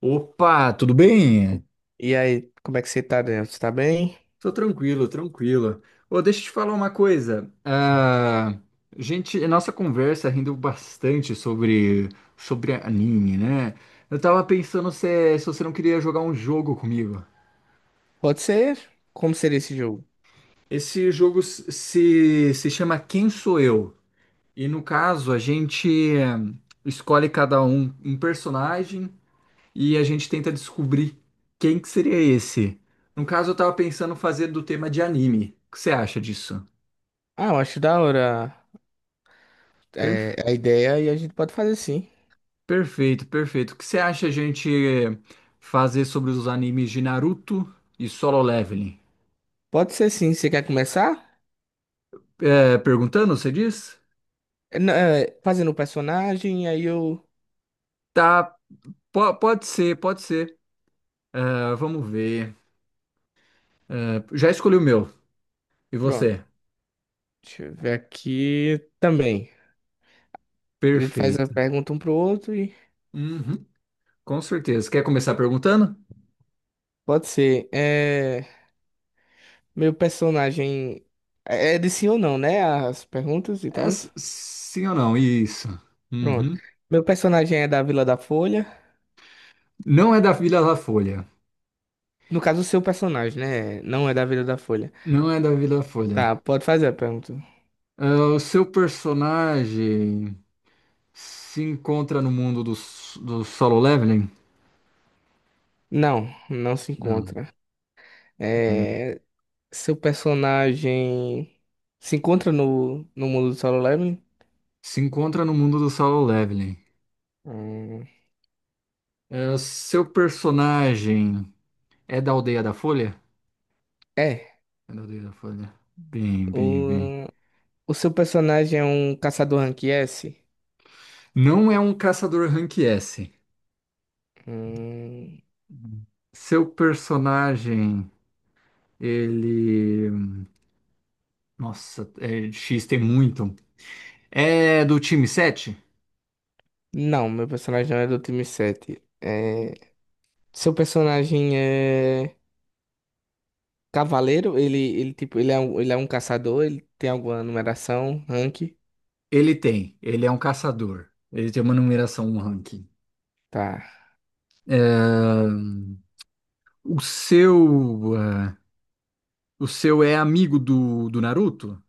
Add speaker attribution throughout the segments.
Speaker 1: Opa, tudo bem?
Speaker 2: E aí, como é que você tá dentro? Você tá bem?
Speaker 1: Tô tranquilo, tranquilo. Ô, deixa eu te falar uma coisa. Gente, a nossa conversa rendeu bastante sobre anime, né? Eu tava pensando se você não queria jogar um jogo comigo.
Speaker 2: Pode ser? Como seria esse jogo?
Speaker 1: Esse jogo se chama Quem Sou Eu? E no caso, a gente eh, escolhe cada um um personagem e a gente tenta descobrir quem que seria esse. No caso, eu tava pensando fazer do tema de anime. O que você acha disso?
Speaker 2: Ah, eu acho da hora
Speaker 1: Perf-
Speaker 2: a ideia e a gente pode fazer sim.
Speaker 1: Perfeito, perfeito. O que você acha a gente fazer sobre os animes de Naruto e Solo Leveling?
Speaker 2: Pode ser sim. Você quer começar?
Speaker 1: É, perguntando, você diz?
Speaker 2: Não, fazendo o personagem, aí eu.
Speaker 1: Tá, pode ser, pode ser. Ah, vamos ver. Ah, já escolhi o meu. E
Speaker 2: Pronto.
Speaker 1: você?
Speaker 2: Deixa eu ver aqui também. A gente faz a
Speaker 1: Perfeito.
Speaker 2: pergunta um pro outro e.
Speaker 1: Uhum, com certeza. Quer começar perguntando?
Speaker 2: Pode ser. Meu personagem. É de sim ou não, né? As perguntas e
Speaker 1: É,
Speaker 2: tal.
Speaker 1: sim ou não? Isso.
Speaker 2: Pronto.
Speaker 1: Uhum.
Speaker 2: Meu personagem é da Vila da Folha.
Speaker 1: Não é da Vila da Folha.
Speaker 2: No caso, o seu personagem, né? Não é da Vila da Folha.
Speaker 1: Não é da Folha.
Speaker 2: Tá, pode fazer a pergunta.
Speaker 1: Ah, o seu personagem se encontra no mundo do Solo Leveling?
Speaker 2: Não, não se
Speaker 1: Não.
Speaker 2: encontra. É, seu personagem se encontra no mundo do Solo Leveling?
Speaker 1: Se encontra no mundo do Solo Leveling.
Speaker 2: Hum,
Speaker 1: É, seu personagem é da Aldeia da Folha?
Speaker 2: é.
Speaker 1: É da Aldeia da Folha. Bem, bem, bem.
Speaker 2: O, o seu personagem é um caçador rank S?
Speaker 1: Não é um caçador rank S.
Speaker 2: Hum,
Speaker 1: Seu personagem, ele. Nossa, é, X tem muito. É do time 7?
Speaker 2: não, meu personagem não é do time 7. É, seu personagem é cavaleiro? Ele, tipo, ele é um caçador? Ele tem alguma numeração, rank?
Speaker 1: Ele tem, ele é um caçador. Ele tem uma numeração, um ranking.
Speaker 2: Tá.
Speaker 1: É. O o seu é amigo do Naruto?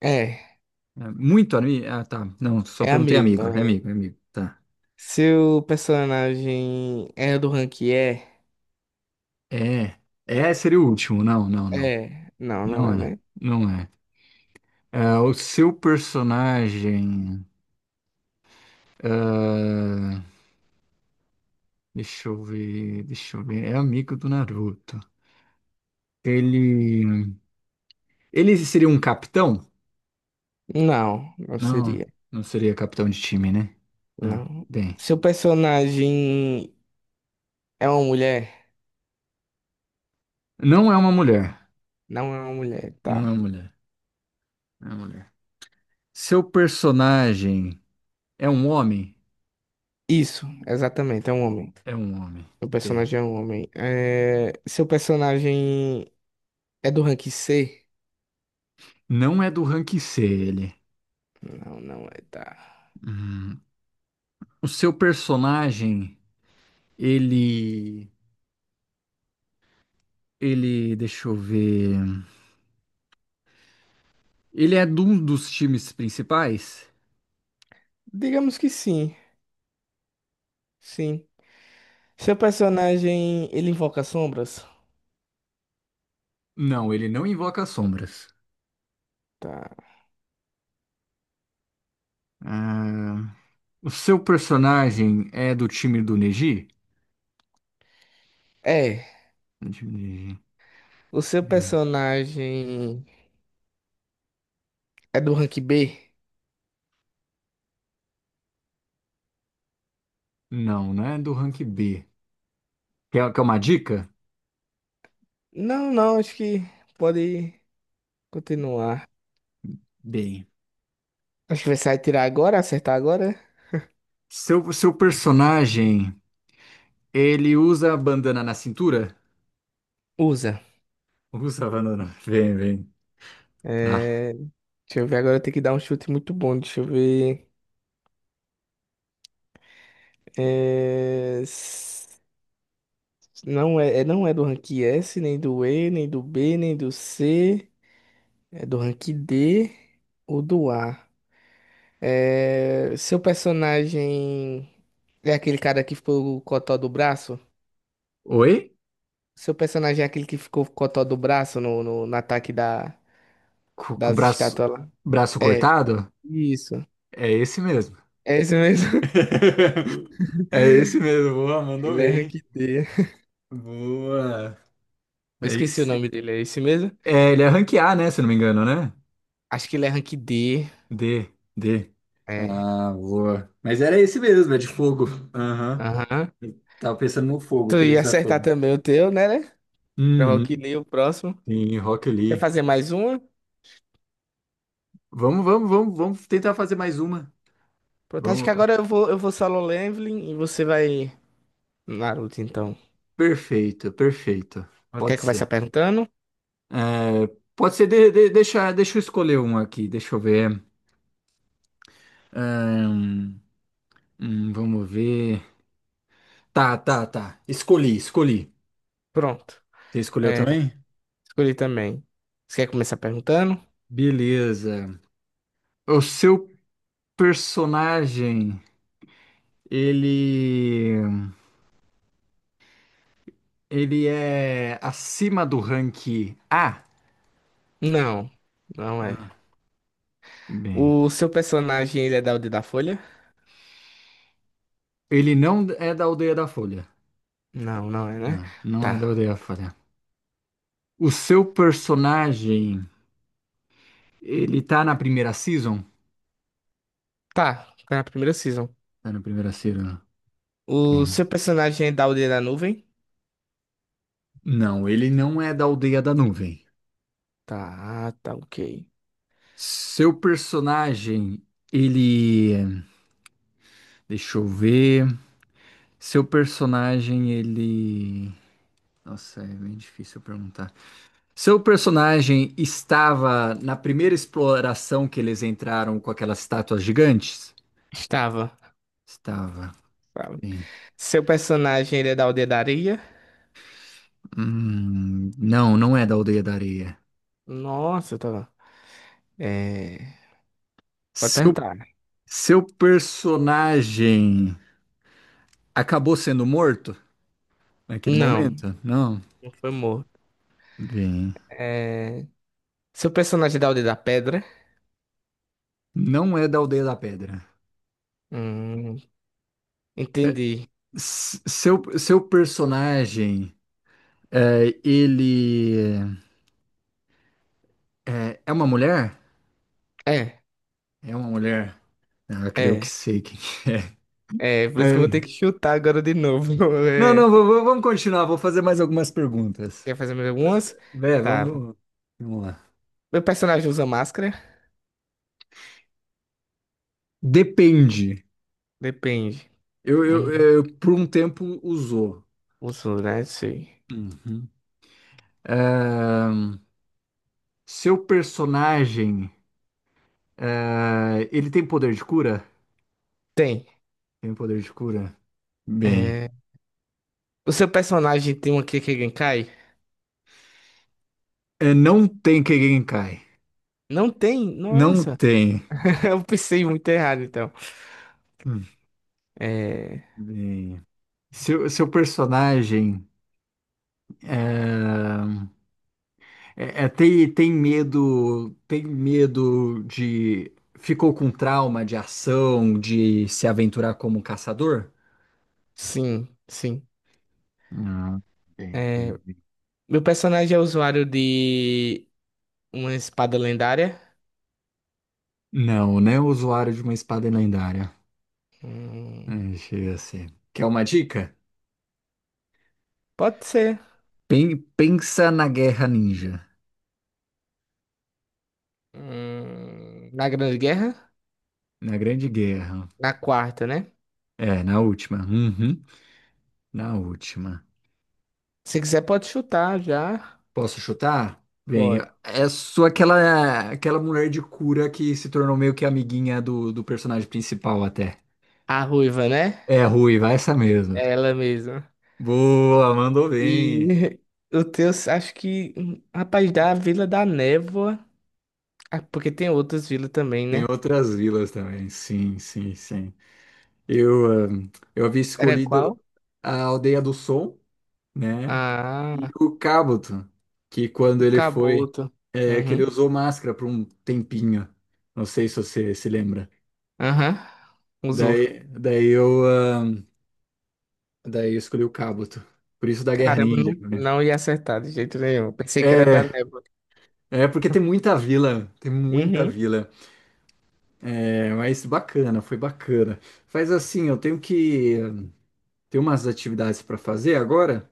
Speaker 2: É,
Speaker 1: É, muito amigo? Ah, tá. Não, só
Speaker 2: é
Speaker 1: perguntei
Speaker 2: amigo.
Speaker 1: amigo. É
Speaker 2: É.
Speaker 1: amigo, é amigo. Tá.
Speaker 2: Seu personagem é do rank E?
Speaker 1: É, é seria o último. Não, não, não.
Speaker 2: É. Não, não
Speaker 1: Não
Speaker 2: é,
Speaker 1: é,
Speaker 2: né?
Speaker 1: não é. É, o seu personagem. é, Deixa eu ver, deixa eu ver. É amigo do Naruto. Ele, Ele seria um capitão?
Speaker 2: Não, não
Speaker 1: Não,
Speaker 2: seria.
Speaker 1: não seria capitão de time, né? Não.
Speaker 2: Não.
Speaker 1: Bem,
Speaker 2: Seu personagem é uma mulher?
Speaker 1: não é uma mulher.
Speaker 2: Não é uma mulher,
Speaker 1: Não é uma
Speaker 2: tá.
Speaker 1: mulher. Não é uma mulher. Seu personagem é um homem?
Speaker 2: Isso, exatamente, é um homem.
Speaker 1: É um homem.
Speaker 2: Seu
Speaker 1: Bem,
Speaker 2: personagem é um homem. É, seu personagem é do rank C?
Speaker 1: não é do rank C ele.
Speaker 2: Não, não é, tá.
Speaker 1: Hum. O seu personagem, ele, deixa eu ver. Ele é de um dos times principais?
Speaker 2: Digamos que sim, sim. Seu personagem, ele invoca sombras?
Speaker 1: Não, ele não invoca sombras.
Speaker 2: Tá.
Speaker 1: Ah, o seu personagem é do time do Neji?
Speaker 2: É.
Speaker 1: Do time
Speaker 2: O seu
Speaker 1: do Neji.
Speaker 2: personagem é do rank B?
Speaker 1: Não, não é do rank B. Quer uma dica?
Speaker 2: Não, não, acho que pode continuar.
Speaker 1: Bem.
Speaker 2: Acho que vai sair, tirar agora, acertar agora.
Speaker 1: Seu personagem, ele usa a bandana na cintura?
Speaker 2: Usa.
Speaker 1: Usa a bandana. Vem, vem. Tá.
Speaker 2: É, deixa eu ver, agora eu tenho que dar um chute muito bom. Deixa eu ver. É, s- não é, não é do rank S, nem do E, nem do B, nem do C. É do rank D ou do A. É, seu personagem é aquele cara que ficou o cotó do braço?
Speaker 1: Oi?
Speaker 2: Seu personagem é aquele que ficou o cotó do braço no ataque da,
Speaker 1: Com o
Speaker 2: das
Speaker 1: braço,
Speaker 2: estátuas lá?
Speaker 1: braço
Speaker 2: É,
Speaker 1: cortado?
Speaker 2: isso.
Speaker 1: É esse mesmo.
Speaker 2: É esse mesmo.
Speaker 1: É esse mesmo, boa, mandou
Speaker 2: Ele é
Speaker 1: bem.
Speaker 2: rank D.
Speaker 1: Boa.
Speaker 2: Eu
Speaker 1: É
Speaker 2: esqueci o
Speaker 1: isso.
Speaker 2: nome dele, é esse mesmo?
Speaker 1: É, ele é rank A, né? Se eu não me engano, né?
Speaker 2: Acho que ele é rank D.
Speaker 1: D, D.
Speaker 2: É.
Speaker 1: Ah, boa. Mas era esse mesmo, é de fogo. Aham.
Speaker 2: Aham.
Speaker 1: Tava pensando no fogo,
Speaker 2: Tu
Speaker 1: que ele
Speaker 2: ia
Speaker 1: usa
Speaker 2: acertar
Speaker 1: fogo.
Speaker 2: também o teu, né, né? Pro Rock
Speaker 1: Uhum.
Speaker 2: Lee, o próximo.
Speaker 1: Sim, Rock
Speaker 2: Quer
Speaker 1: Lee.
Speaker 2: fazer mais uma?
Speaker 1: Vamos, vamos, vamos, vamos tentar fazer mais uma.
Speaker 2: Pronto, acho que
Speaker 1: Vamos.
Speaker 2: agora eu vou solo leveling e você vai Naruto, então.
Speaker 1: Perfeito, perfeito. Pode
Speaker 2: Quer começar
Speaker 1: ser.
Speaker 2: perguntando?
Speaker 1: É, pode ser, deixa eu escolher um aqui, deixa eu ver. Ahn, hum, vamos ver. Tá, tá, tá. Escolhi, escolhi.
Speaker 2: Pronto.
Speaker 1: Você escolheu
Speaker 2: É,
Speaker 1: também?
Speaker 2: escolhi também. Você quer começar perguntando?
Speaker 1: Beleza. O seu personagem, ele, ele é acima do rank A?
Speaker 2: Não, não é.
Speaker 1: Ah, bem.
Speaker 2: O seu personagem, ele é da Aldeia da Folha?
Speaker 1: Ele não é da Aldeia da Folha.
Speaker 2: Não, não é, né?
Speaker 1: Não, não é da
Speaker 2: Tá.
Speaker 1: Aldeia da Folha. O seu personagem, ele tá na primeira season?
Speaker 2: Tá, tá na primeira season.
Speaker 1: Tá na primeira season.
Speaker 2: O
Speaker 1: Hum.
Speaker 2: seu personagem é da aldeia da nuvem?
Speaker 1: Não, ele não é da Aldeia da Nuvem.
Speaker 2: Tá, tá, ok.
Speaker 1: Seu personagem, ele. Deixa eu ver. Seu personagem, ele. Nossa, é bem difícil perguntar. Seu personagem estava na primeira exploração que eles entraram com aquelas estátuas gigantes?
Speaker 2: Estava.
Speaker 1: Estava.
Speaker 2: Estava.
Speaker 1: Bem.
Speaker 2: Seu personagem ele é da aldeia da areia?
Speaker 1: Não, não é da Aldeia da Areia.
Speaker 2: Nossa, tava. É. Pode
Speaker 1: Seu,
Speaker 2: perguntar.
Speaker 1: seu personagem acabou sendo morto naquele
Speaker 2: Não,
Speaker 1: momento? Não.
Speaker 2: não foi morto.
Speaker 1: Bem,
Speaker 2: É... Seu personagem é da aldeia da pedra?
Speaker 1: não é da Aldeia da Pedra.
Speaker 2: Hum,
Speaker 1: É,
Speaker 2: entendi.
Speaker 1: seu personagem, ele é uma mulher?
Speaker 2: É,
Speaker 1: É uma mulher. Ah, eu creio que
Speaker 2: é,
Speaker 1: sei quem
Speaker 2: Por
Speaker 1: é.
Speaker 2: isso que eu vou ter que
Speaker 1: É.
Speaker 2: chutar agora de novo.
Speaker 1: Não, não,
Speaker 2: É,
Speaker 1: vamos continuar. Vou fazer mais algumas perguntas.
Speaker 2: quer fazer mais algumas?
Speaker 1: Vé,
Speaker 2: Tá.
Speaker 1: vamos, vamos lá.
Speaker 2: Meu personagem usa máscara?
Speaker 1: Depende.
Speaker 2: Depende.
Speaker 1: Eu, eu,
Speaker 2: Hum,
Speaker 1: por um tempo usou.
Speaker 2: uso, né? Sei.
Speaker 1: Uhum. Ahn, seu personagem, ele tem poder de cura?
Speaker 2: Tem.
Speaker 1: Tem poder de cura? Bem,
Speaker 2: É, o seu personagem tem uma Kekkei.
Speaker 1: é, não tem Kegenkai.
Speaker 2: Não tem?
Speaker 1: Não
Speaker 2: Nossa,
Speaker 1: tem.
Speaker 2: eu pensei muito errado então.
Speaker 1: Hum.
Speaker 2: É,
Speaker 1: Bem, seu personagem ah, tem medo de ficou com trauma de ação, de se aventurar como caçador?
Speaker 2: sim, sim.
Speaker 1: Não, bem,
Speaker 2: É,
Speaker 1: bem.
Speaker 2: meu personagem é usuário de uma espada lendária.
Speaker 1: Não, né? O usuário de uma espada lendária.
Speaker 2: Hum,
Speaker 1: É, chega a ser. Quer uma dica?
Speaker 2: pode ser.
Speaker 1: Pensa na Guerra Ninja.
Speaker 2: Na Grande Guerra?
Speaker 1: Na Grande Guerra.
Speaker 2: Na quarta, né?
Speaker 1: É, na última. Uhum, na última.
Speaker 2: Se quiser, pode chutar já.
Speaker 1: Posso chutar? Bem,
Speaker 2: Pode.
Speaker 1: é só aquela, aquela mulher de cura que se tornou meio que amiguinha do personagem principal até.
Speaker 2: A ruiva, né?
Speaker 1: É, ruiva, essa mesmo.
Speaker 2: É ela mesma.
Speaker 1: Boa, mandou bem.
Speaker 2: E o teu, acho que. Hum, rapaz, da Vila da Névoa. Ah, porque tem outras vilas também,
Speaker 1: Tem
Speaker 2: né?
Speaker 1: outras vilas também. Sim, sim, sim. Eu, ah, eu havia
Speaker 2: Era
Speaker 1: escolhido
Speaker 2: qual?
Speaker 1: a Aldeia do Som. Né? E
Speaker 2: Ah,
Speaker 1: o Cabuto, que quando
Speaker 2: o
Speaker 1: ele foi,
Speaker 2: caboto.
Speaker 1: é, que ele
Speaker 2: Uhum.
Speaker 1: usou máscara por um tempinho. Não sei se você se lembra.
Speaker 2: Aham. Usou.
Speaker 1: Daí, daí eu, ahn, daí eu escolhi o Cabuto. Por isso da Guerra
Speaker 2: Caramba,
Speaker 1: Ninja,
Speaker 2: não,
Speaker 1: né?
Speaker 2: não ia acertar de jeito nenhum. Pensei que era da
Speaker 1: É,
Speaker 2: névoa.
Speaker 1: é porque tem muita vila, tem muita
Speaker 2: Uhum.
Speaker 1: vila. É, mas bacana, foi bacana. Faz assim, eu tenho que ter umas atividades para fazer agora.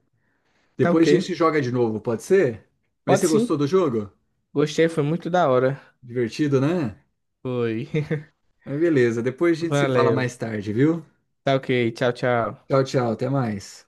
Speaker 2: Tá
Speaker 1: Depois
Speaker 2: ok.
Speaker 1: a gente joga de novo, pode ser? Mas
Speaker 2: Pode
Speaker 1: você
Speaker 2: sim.
Speaker 1: gostou do jogo?
Speaker 2: Gostei, foi muito da hora.
Speaker 1: Divertido, né?
Speaker 2: Foi.
Speaker 1: Mas beleza, depois a gente se fala
Speaker 2: Valeu.
Speaker 1: mais tarde, viu?
Speaker 2: Tá ok. Tchau, tchau.
Speaker 1: Tchau, tchau, até mais.